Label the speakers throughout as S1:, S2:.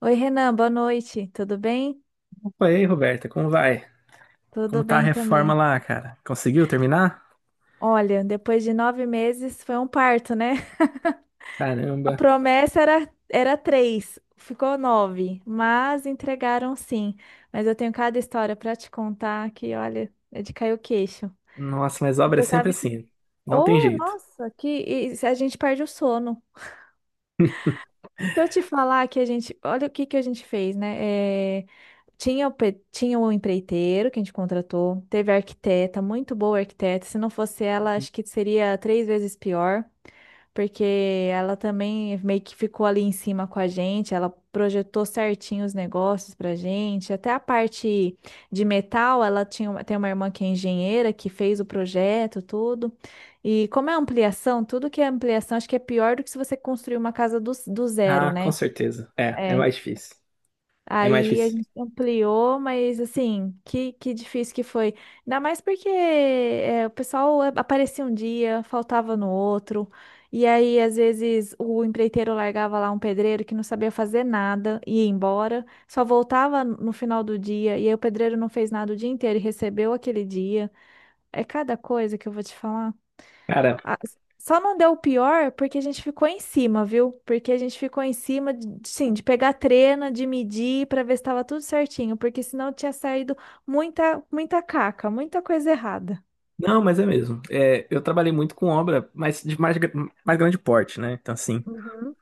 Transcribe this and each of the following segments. S1: Oi, Renan, boa noite. Tudo bem?
S2: Oi, Roberta, como vai? Como
S1: Tudo
S2: tá a
S1: bem
S2: reforma
S1: também.
S2: lá, cara? Conseguiu terminar?
S1: Olha, depois de 9 meses foi um parto, né? A
S2: Caramba.
S1: promessa era três, ficou nove, mas entregaram sim. Mas eu tenho cada história para te contar que, olha, é de cair o queixo.
S2: Nossa, mas obra é
S1: Você
S2: sempre
S1: sabe que.
S2: assim. Não tem
S1: Oh,
S2: jeito.
S1: nossa, que e a gente perde o sono. Se eu te falar que a gente. Olha o que que a gente fez, né? É, Tinha o empreiteiro que a gente contratou, teve a arquiteta, muito boa arquiteta. Se não fosse ela, acho que seria 3 vezes pior, porque ela também meio que ficou ali em cima com a gente, ela projetou certinho os negócios pra gente. Até a parte de metal, ela tinha, tem uma irmã que é engenheira, que fez o projeto, tudo. E como é ampliação, tudo que é ampliação, acho que é pior do que se você construir uma casa do zero,
S2: Ah, com
S1: né?
S2: certeza. É, é
S1: É.
S2: mais difícil. É mais
S1: Aí a
S2: difícil.
S1: gente ampliou, mas assim, que difícil que foi. Ainda mais porque é, o pessoal aparecia um dia, faltava no outro. E aí, às vezes, o empreiteiro largava lá um pedreiro que não sabia fazer nada, ia embora, só voltava no final do dia. E aí, o pedreiro não fez nada o dia inteiro e recebeu aquele dia. É cada coisa que eu vou te falar.
S2: Cara,
S1: Ah, só não deu o pior porque a gente ficou em cima, viu? Porque a gente ficou em cima, de, sim, de pegar trena, de medir para ver se estava tudo certinho, porque senão tinha saído muita, muita caca, muita coisa errada.
S2: não, mas é mesmo. É, eu trabalhei muito com obra, mas de mais, mais grande porte, né? Então, assim,
S1: Uhum.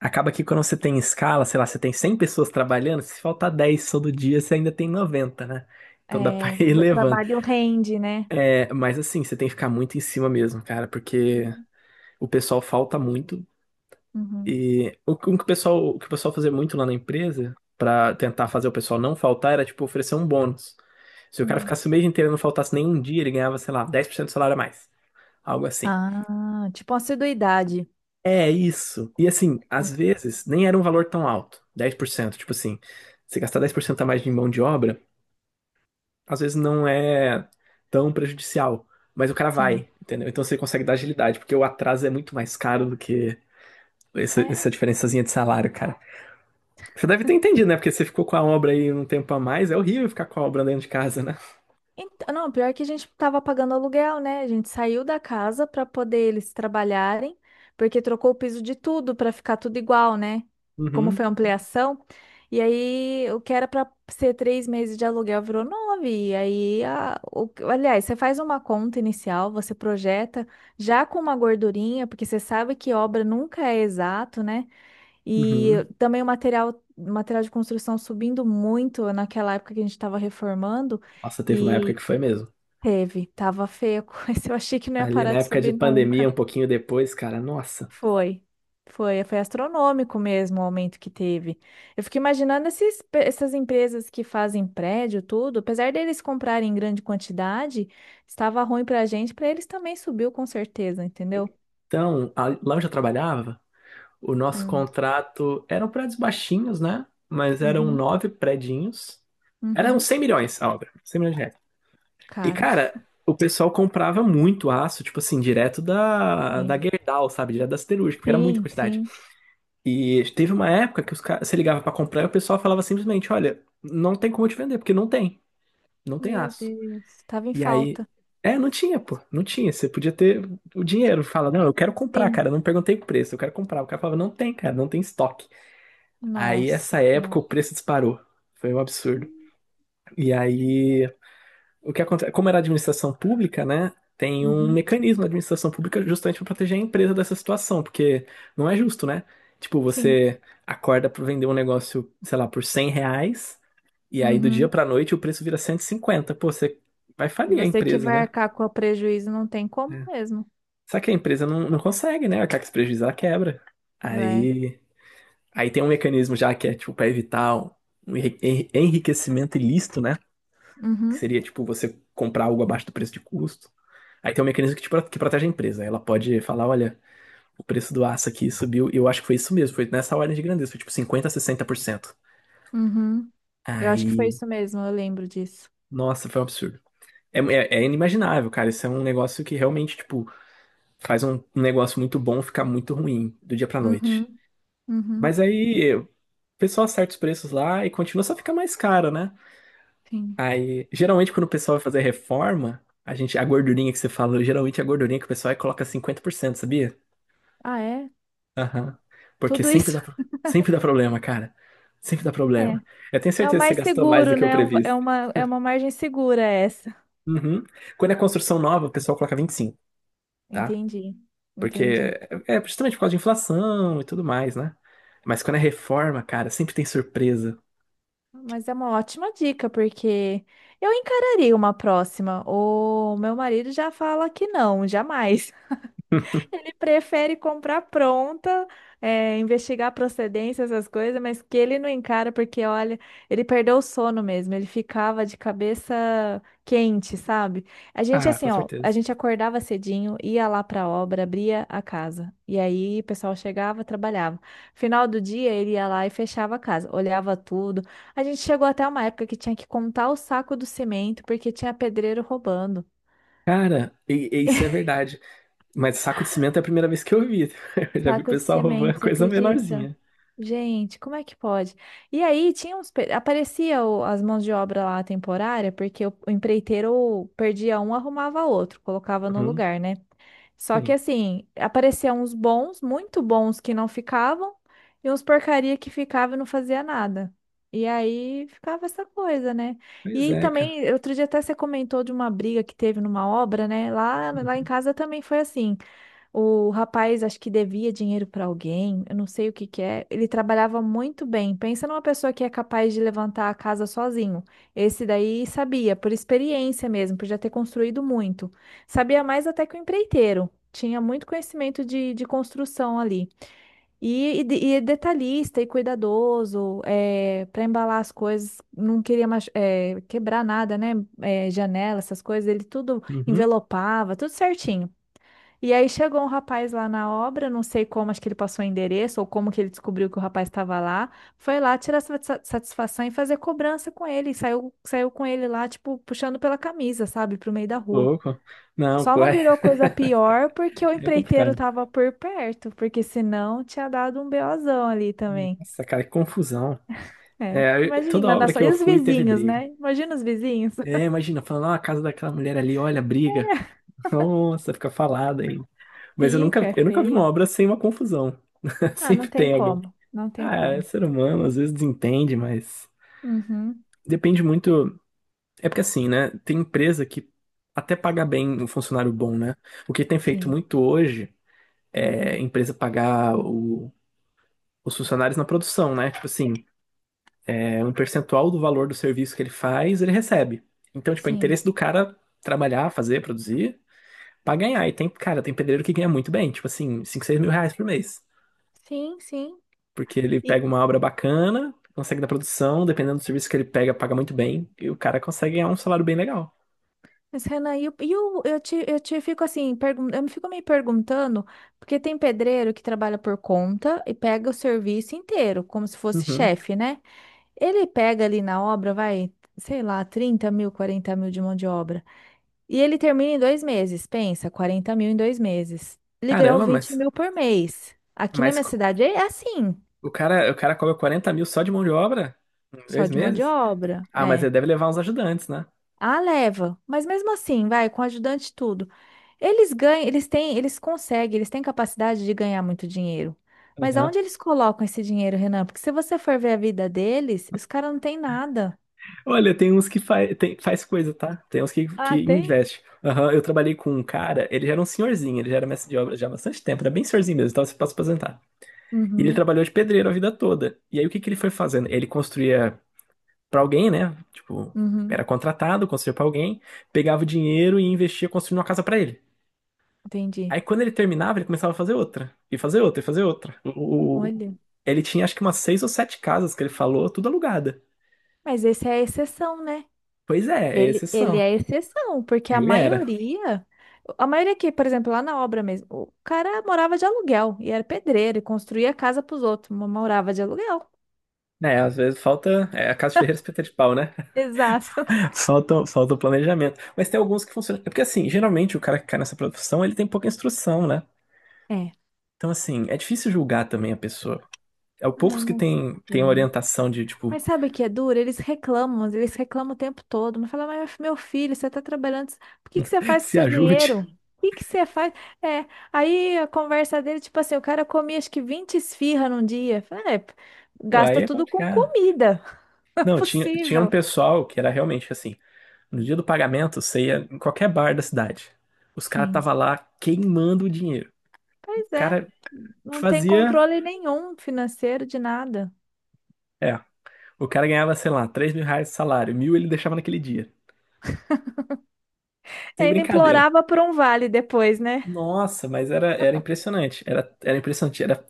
S2: acaba que quando você tem escala, sei lá, você tem 100 pessoas trabalhando, se faltar 10 todo dia, você ainda tem 90, né? Então dá pra
S1: É,
S2: ir
S1: o
S2: levando.
S1: trabalho rende, né?
S2: É, mas assim, você tem que ficar muito em cima mesmo, cara, porque
S1: Uhum.
S2: o pessoal falta muito.
S1: Uhum.
S2: E o que o pessoal, o que o pessoal fazia muito lá na empresa, pra tentar fazer o pessoal não faltar, era tipo oferecer um bônus. Se o cara
S1: Hum.
S2: ficasse o mês inteiro e não faltasse nenhum dia, ele ganhava, sei lá, 10% do salário a mais. Algo assim.
S1: Ah, tipo uma assiduidade.
S2: É isso. E assim, às
S1: Sim.
S2: vezes nem era um valor tão alto, 10%. Tipo assim, você gastar 10% a mais de mão de obra, às vezes não é tão prejudicial. Mas o cara
S1: Sim.
S2: vai, entendeu? Então você consegue dar agilidade, porque o atraso é muito mais caro do que essa,
S1: É,
S2: essa diferençazinha de salário. Você deve ter entendido, né? Porque você ficou com a obra aí um tempo a mais. É horrível ficar com a obra dentro de casa, né?
S1: então, não, pior que a gente tava pagando aluguel, né? A gente saiu da casa para poder eles trabalharem, porque trocou o piso de tudo para ficar tudo igual, né? Como foi
S2: Uhum,
S1: a ampliação. E aí, o que era para ser 3 meses de aluguel virou nove. E aí, aliás, você faz uma conta inicial, você projeta já com uma gordurinha, porque você sabe que obra nunca é exato, né? E
S2: uhum.
S1: também o material, material de construção subindo muito naquela época que a gente estava reformando.
S2: Nossa, teve uma época
S1: e
S2: que foi mesmo.
S1: Teve, tava feio, mas eu achei que não ia
S2: Ali na
S1: parar de
S2: época de
S1: subir nunca.
S2: pandemia, um pouquinho depois, cara, nossa.
S1: Foi, foi astronômico mesmo o aumento que teve. Eu fico imaginando essas empresas que fazem prédio, tudo, apesar deles comprarem em grande quantidade, estava ruim pra gente, pra eles também subiu com certeza, entendeu?
S2: Então, lá onde eu trabalhava, o nosso
S1: Hum,
S2: contrato eram prédios baixinhos, né? Mas eram
S1: Uhum,
S2: nove prédios. Eram
S1: uhum,
S2: 100 milhões a obra, 100 milhões de reais. E,
S1: caro.
S2: cara, o pessoal comprava muito aço, tipo assim, direto da
S1: Sim,
S2: Gerdau, sabe? Direto da siderúrgica, porque era muita
S1: sim,
S2: quantidade.
S1: sim.
S2: E teve uma época que os caras, você ligava pra comprar e o pessoal falava simplesmente, olha, não tem como te vender, porque não tem
S1: Meu
S2: aço.
S1: Deus, tava em
S2: E aí,
S1: falta.
S2: é, não tinha, pô, não tinha. Você podia ter o dinheiro, fala, não, eu quero comprar,
S1: Sim,
S2: cara, não perguntei o preço, eu quero comprar. O cara falava, não tem, cara, não tem estoque. Aí
S1: nossa.
S2: essa
S1: senhora.
S2: época o preço disparou. Foi um absurdo. E aí o que acontece, como era administração pública, né? Tem um
S1: Uhum,
S2: mecanismo na administração pública justamente para proteger a empresa dessa situação, porque não é justo, né? Tipo,
S1: sim.
S2: você acorda para vender um negócio, sei lá, por 100 reais, e aí do dia
S1: Uhum.
S2: para noite o preço vira 150. Pô, você vai falir a
S1: Você que
S2: empresa,
S1: vai
S2: né?
S1: arcar com o prejuízo não tem como
S2: É.
S1: mesmo,
S2: Só que a empresa não consegue, né? Acaba que se prejuízo, quebra.
S1: né?
S2: Aí, aí, tem um mecanismo já que é, tipo, para evitar um enriquecimento ilícito, né? Que
S1: Uhum,
S2: seria, tipo, você comprar algo abaixo do preço de custo. Aí tem um mecanismo que, que protege a empresa. Ela pode falar, olha, o preço do aço aqui subiu. E eu acho que foi isso mesmo, foi nessa ordem de grandeza, foi tipo 50 a 60%.
S1: uhum. Eu acho que foi
S2: Aí,
S1: isso mesmo, eu lembro disso.
S2: nossa, foi um absurdo. É, é inimaginável, cara. Isso é um negócio que realmente, tipo, faz um negócio muito bom ficar muito ruim do dia pra noite.
S1: Uhum, uhum,
S2: Mas aí o pessoal acerta os preços lá e continua, só fica mais caro, né?
S1: sim.
S2: Aí, geralmente, quando o pessoal vai fazer reforma, a gente, a gordurinha que você falou, geralmente é a gordurinha que o pessoal aí coloca 50%, sabia?
S1: Ah, é?
S2: Aham. Porque
S1: Tudo isso?
S2: sempre dá problema, cara. Sempre dá
S1: É.
S2: problema. Eu tenho
S1: É o
S2: certeza que você
S1: mais
S2: gastou mais do
S1: seguro,
S2: que o
S1: né? É um- é
S2: previsto.
S1: uma, é uma margem segura essa.
S2: Uhum. Quando é construção nova, o pessoal coloca 25, tá?
S1: Entendi,
S2: Porque
S1: entendi.
S2: é justamente por causa de inflação e tudo mais, né? Mas quando é reforma, cara, sempre tem surpresa.
S1: Mas é uma ótima dica, porque eu encararia uma próxima. O meu marido já fala que não, jamais. Ele prefere comprar pronta, é, investigar procedência, essas coisas, mas que ele não encara, porque olha, ele perdeu o sono mesmo, ele ficava de cabeça quente, sabe? A gente,
S2: Ah,
S1: assim,
S2: com
S1: ó, a
S2: certeza.
S1: gente acordava cedinho, ia lá pra obra, abria a casa, e aí o pessoal chegava, trabalhava. Final do dia, ele ia lá e fechava a casa, olhava tudo. A gente chegou até uma época que tinha que contar o saco do cimento, porque tinha pedreiro roubando.
S2: Cara, e isso é verdade. Mas saco de cimento é a primeira vez que eu vi. Eu já vi o
S1: Saco de
S2: pessoal
S1: cimento,
S2: roubando
S1: você
S2: coisa
S1: acredita?
S2: menorzinha.
S1: Gente, como é que pode? E aí tinha uns, aparecia as mãos de obra lá temporária, porque o empreiteiro perdia um, arrumava outro, colocava no
S2: Uhum,
S1: lugar, né? Só que
S2: sim.
S1: assim, apareciam uns bons, muito bons que não ficavam, e uns porcaria que ficava e não fazia nada. E aí ficava essa coisa, né?
S2: Pois
S1: E
S2: é, cara.
S1: também, outro dia até você comentou de uma briga que teve numa obra, né? Lá em
S2: Uhum.
S1: casa também foi assim. O rapaz, acho que devia dinheiro para alguém, eu não sei o que que é. Ele trabalhava muito bem. Pensa numa pessoa que é capaz de levantar a casa sozinho. Esse daí sabia, por experiência mesmo, por já ter construído muito. Sabia mais até que o empreiteiro. Tinha muito conhecimento de construção ali. E é detalhista e cuidadoso, para embalar as coisas, não queria quebrar nada, né? Janela, essas coisas, ele tudo
S2: Uhum.
S1: envelopava, tudo certinho. E aí chegou um rapaz lá na obra, não sei como, acho que ele passou o endereço ou como que ele descobriu que o rapaz estava lá. Foi lá tirar satisfação e fazer cobrança com ele. E saiu com ele lá, tipo, puxando pela camisa, sabe, pro meio da rua.
S2: Louco. Não,
S1: Só
S2: pô,
S1: não
S2: é
S1: virou coisa pior porque o
S2: é
S1: empreiteiro
S2: complicado.
S1: tava por perto, porque senão tinha dado um BOzão ali também.
S2: Nossa, cara, que confusão.
S1: É,
S2: É, toda
S1: imagina,
S2: obra que eu
S1: e os
S2: fui teve
S1: vizinhos,
S2: briga.
S1: né? Imagina os vizinhos.
S2: É, imagina, falando, ah, a casa daquela mulher ali, olha, briga. Nossa, fica falada aí. Mas eu nunca,
S1: Pica, é
S2: eu nunca vi uma
S1: feio.
S2: obra sem uma confusão.
S1: Ah,
S2: Sempre
S1: não tem
S2: tem alguém.
S1: como, não tem
S2: Ah, é
S1: como.
S2: ser humano, às vezes desentende, mas
S1: Uhum,
S2: depende muito. É porque assim, né? Tem empresa que até paga bem um funcionário bom, né? O que tem feito
S1: sim,
S2: muito hoje é a empresa pagar os funcionários na produção, né? Tipo assim. É um percentual do valor do serviço que ele faz, ele recebe. Então, tipo, é interesse
S1: sim.
S2: do cara trabalhar, fazer, produzir, pra ganhar. E tem, cara, tem pedreiro que ganha muito bem, tipo assim, 5 6 mil reais por mês.
S1: Sim, sim.
S2: Porque ele
S1: E-
S2: pega uma obra bacana, consegue da produção, dependendo do serviço que ele pega, paga muito bem, e o cara consegue ganhar um salário bem legal.
S1: Mas, Renan, eu te fico assim, eu me fico me perguntando, porque tem pedreiro que trabalha por conta e pega o serviço inteiro, como se fosse
S2: Uhum.
S1: chefe, né? Ele pega ali na obra, vai, sei lá, 30 mil, 40 mil de mão de obra. E ele termina em 2 meses, pensa, 40 mil em 2 meses. Ele ganhou
S2: Caramba,
S1: 20
S2: mas,
S1: mil por mês. Aqui na
S2: mas
S1: minha cidade é assim,
S2: o cara cobra 40 mil só de mão de obra em
S1: só
S2: dois
S1: de mão de
S2: meses?
S1: obra.
S2: Ah, mas
S1: É.
S2: ele deve levar uns ajudantes, né?
S1: A leva, mas mesmo assim, vai, com ajudante e tudo. Eles ganham, eles têm, eles conseguem, eles têm capacidade de ganhar muito dinheiro. Mas aonde eles colocam esse dinheiro, Renan? Porque se você for ver a vida deles, os caras não têm nada.
S2: Olha, tem uns que faz, tem, faz coisa, tá? Tem uns que,
S1: Ah,
S2: que
S1: tem?
S2: investe. Aham, eu trabalhei com um cara, ele já era um senhorzinho, ele já era mestre de obra já há bastante tempo, era bem senhorzinho mesmo, estava para se aposentar. E ele
S1: Uhum,
S2: trabalhou de pedreiro a vida toda. E aí o que que ele foi fazendo? Ele construía para alguém, né? Tipo,
S1: uhum,
S2: era contratado, construía para alguém, pegava o dinheiro e investia construindo uma casa para ele.
S1: entendi.
S2: Aí quando ele terminava, ele começava a fazer outra, e fazer outra, e fazer outra.
S1: Olha,
S2: Ele tinha acho que umas seis ou sete casas que ele falou, tudo alugada.
S1: mas esse é a exceção, né?
S2: Pois é,
S1: Ele,
S2: esses
S1: ele
S2: são.
S1: é a exceção, porque a
S2: Ele era.
S1: maioria, a maioria que, por exemplo, lá na obra mesmo, o cara morava de aluguel e era pedreiro e construía casa para os outros, mas morava de aluguel.
S2: É, às vezes falta. É a casa de ferreiro é espeta de pau, né?
S1: Exato.
S2: Falta, falta o planejamento. Mas tem alguns que funcionam. É porque, assim, geralmente o cara que cai nessa profissão, ele tem pouca instrução, né?
S1: É.
S2: Então, assim, é difícil julgar também a pessoa. É o
S1: Ai,
S2: poucos que
S1: não
S2: tem
S1: sei.
S2: orientação de, tipo,
S1: Mas sabe o que é duro? Eles reclamam o tempo todo. Não fala, mas meu filho, você tá trabalhando. O que que você faz com o
S2: se
S1: seu
S2: ajude.
S1: dinheiro? O que que você faz? É. Aí a conversa dele, tipo assim, o cara comia acho que 20 esfirra num dia. Fala, é,
S2: Aí
S1: gasta
S2: é
S1: tudo com
S2: complicado.
S1: comida. Não é
S2: Não, tinha um
S1: possível.
S2: pessoal que era realmente assim: no dia do pagamento, você ia em qualquer bar da cidade. Os caras
S1: Sim.
S2: estavam lá queimando o dinheiro. O
S1: Pois é.
S2: cara
S1: Não tem
S2: fazia.
S1: controle nenhum financeiro de nada.
S2: É. O cara ganhava, sei lá, 3 mil reais de salário. Mil ele deixava naquele dia.
S1: E
S2: Sem
S1: ainda
S2: brincadeira.
S1: implorava por um vale depois, né?
S2: Nossa, mas era impressionante. Era impressionante. Era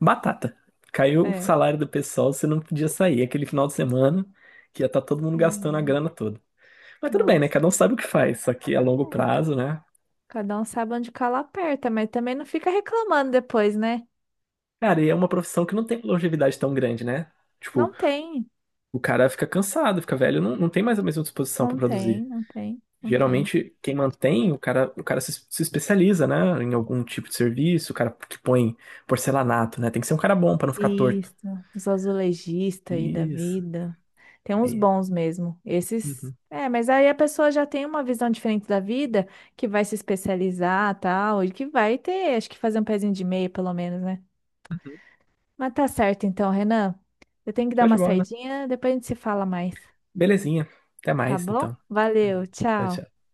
S2: batata. Caiu o
S1: É.
S2: salário do pessoal, você não podia sair. Aquele final de semana que ia estar todo mundo gastando a
S1: Senhor.
S2: grana toda. Mas tudo bem, né?
S1: Nossa.
S2: Cada um sabe o que faz. Só que a longo
S1: É.
S2: prazo, né?
S1: Cada um sabe onde cala aperta, mas também não fica reclamando depois, né?
S2: Cara, e é uma profissão que não tem longevidade tão grande, né? Tipo,
S1: Não tem,
S2: o cara fica cansado, fica velho, não tem mais a mesma disposição para
S1: não tem,
S2: produzir.
S1: não tem, não tem.
S2: Geralmente, quem mantém, o cara se especializa, né? Em algum tipo de serviço, o cara que põe porcelanato, né? Tem que ser um cara bom para não ficar torto.
S1: Isso, os azulejistas aí da
S2: Isso.
S1: vida. Tem uns
S2: Aí.
S1: bons mesmo. Esses.
S2: Uhum,
S1: É, mas aí a pessoa já tem uma visão diferente da vida, que vai se especializar, tal, e que vai ter, acho que fazer um pezinho de meia, pelo menos, né?
S2: uhum.
S1: Mas tá certo então, Renan. Eu tenho que dar
S2: Show de
S1: uma
S2: bola.
S1: saidinha, depois a gente se fala mais,
S2: Belezinha. Até
S1: tá
S2: mais,
S1: bom?
S2: então. Uhum.
S1: Valeu,
S2: Tchau,
S1: tchau.
S2: tchau.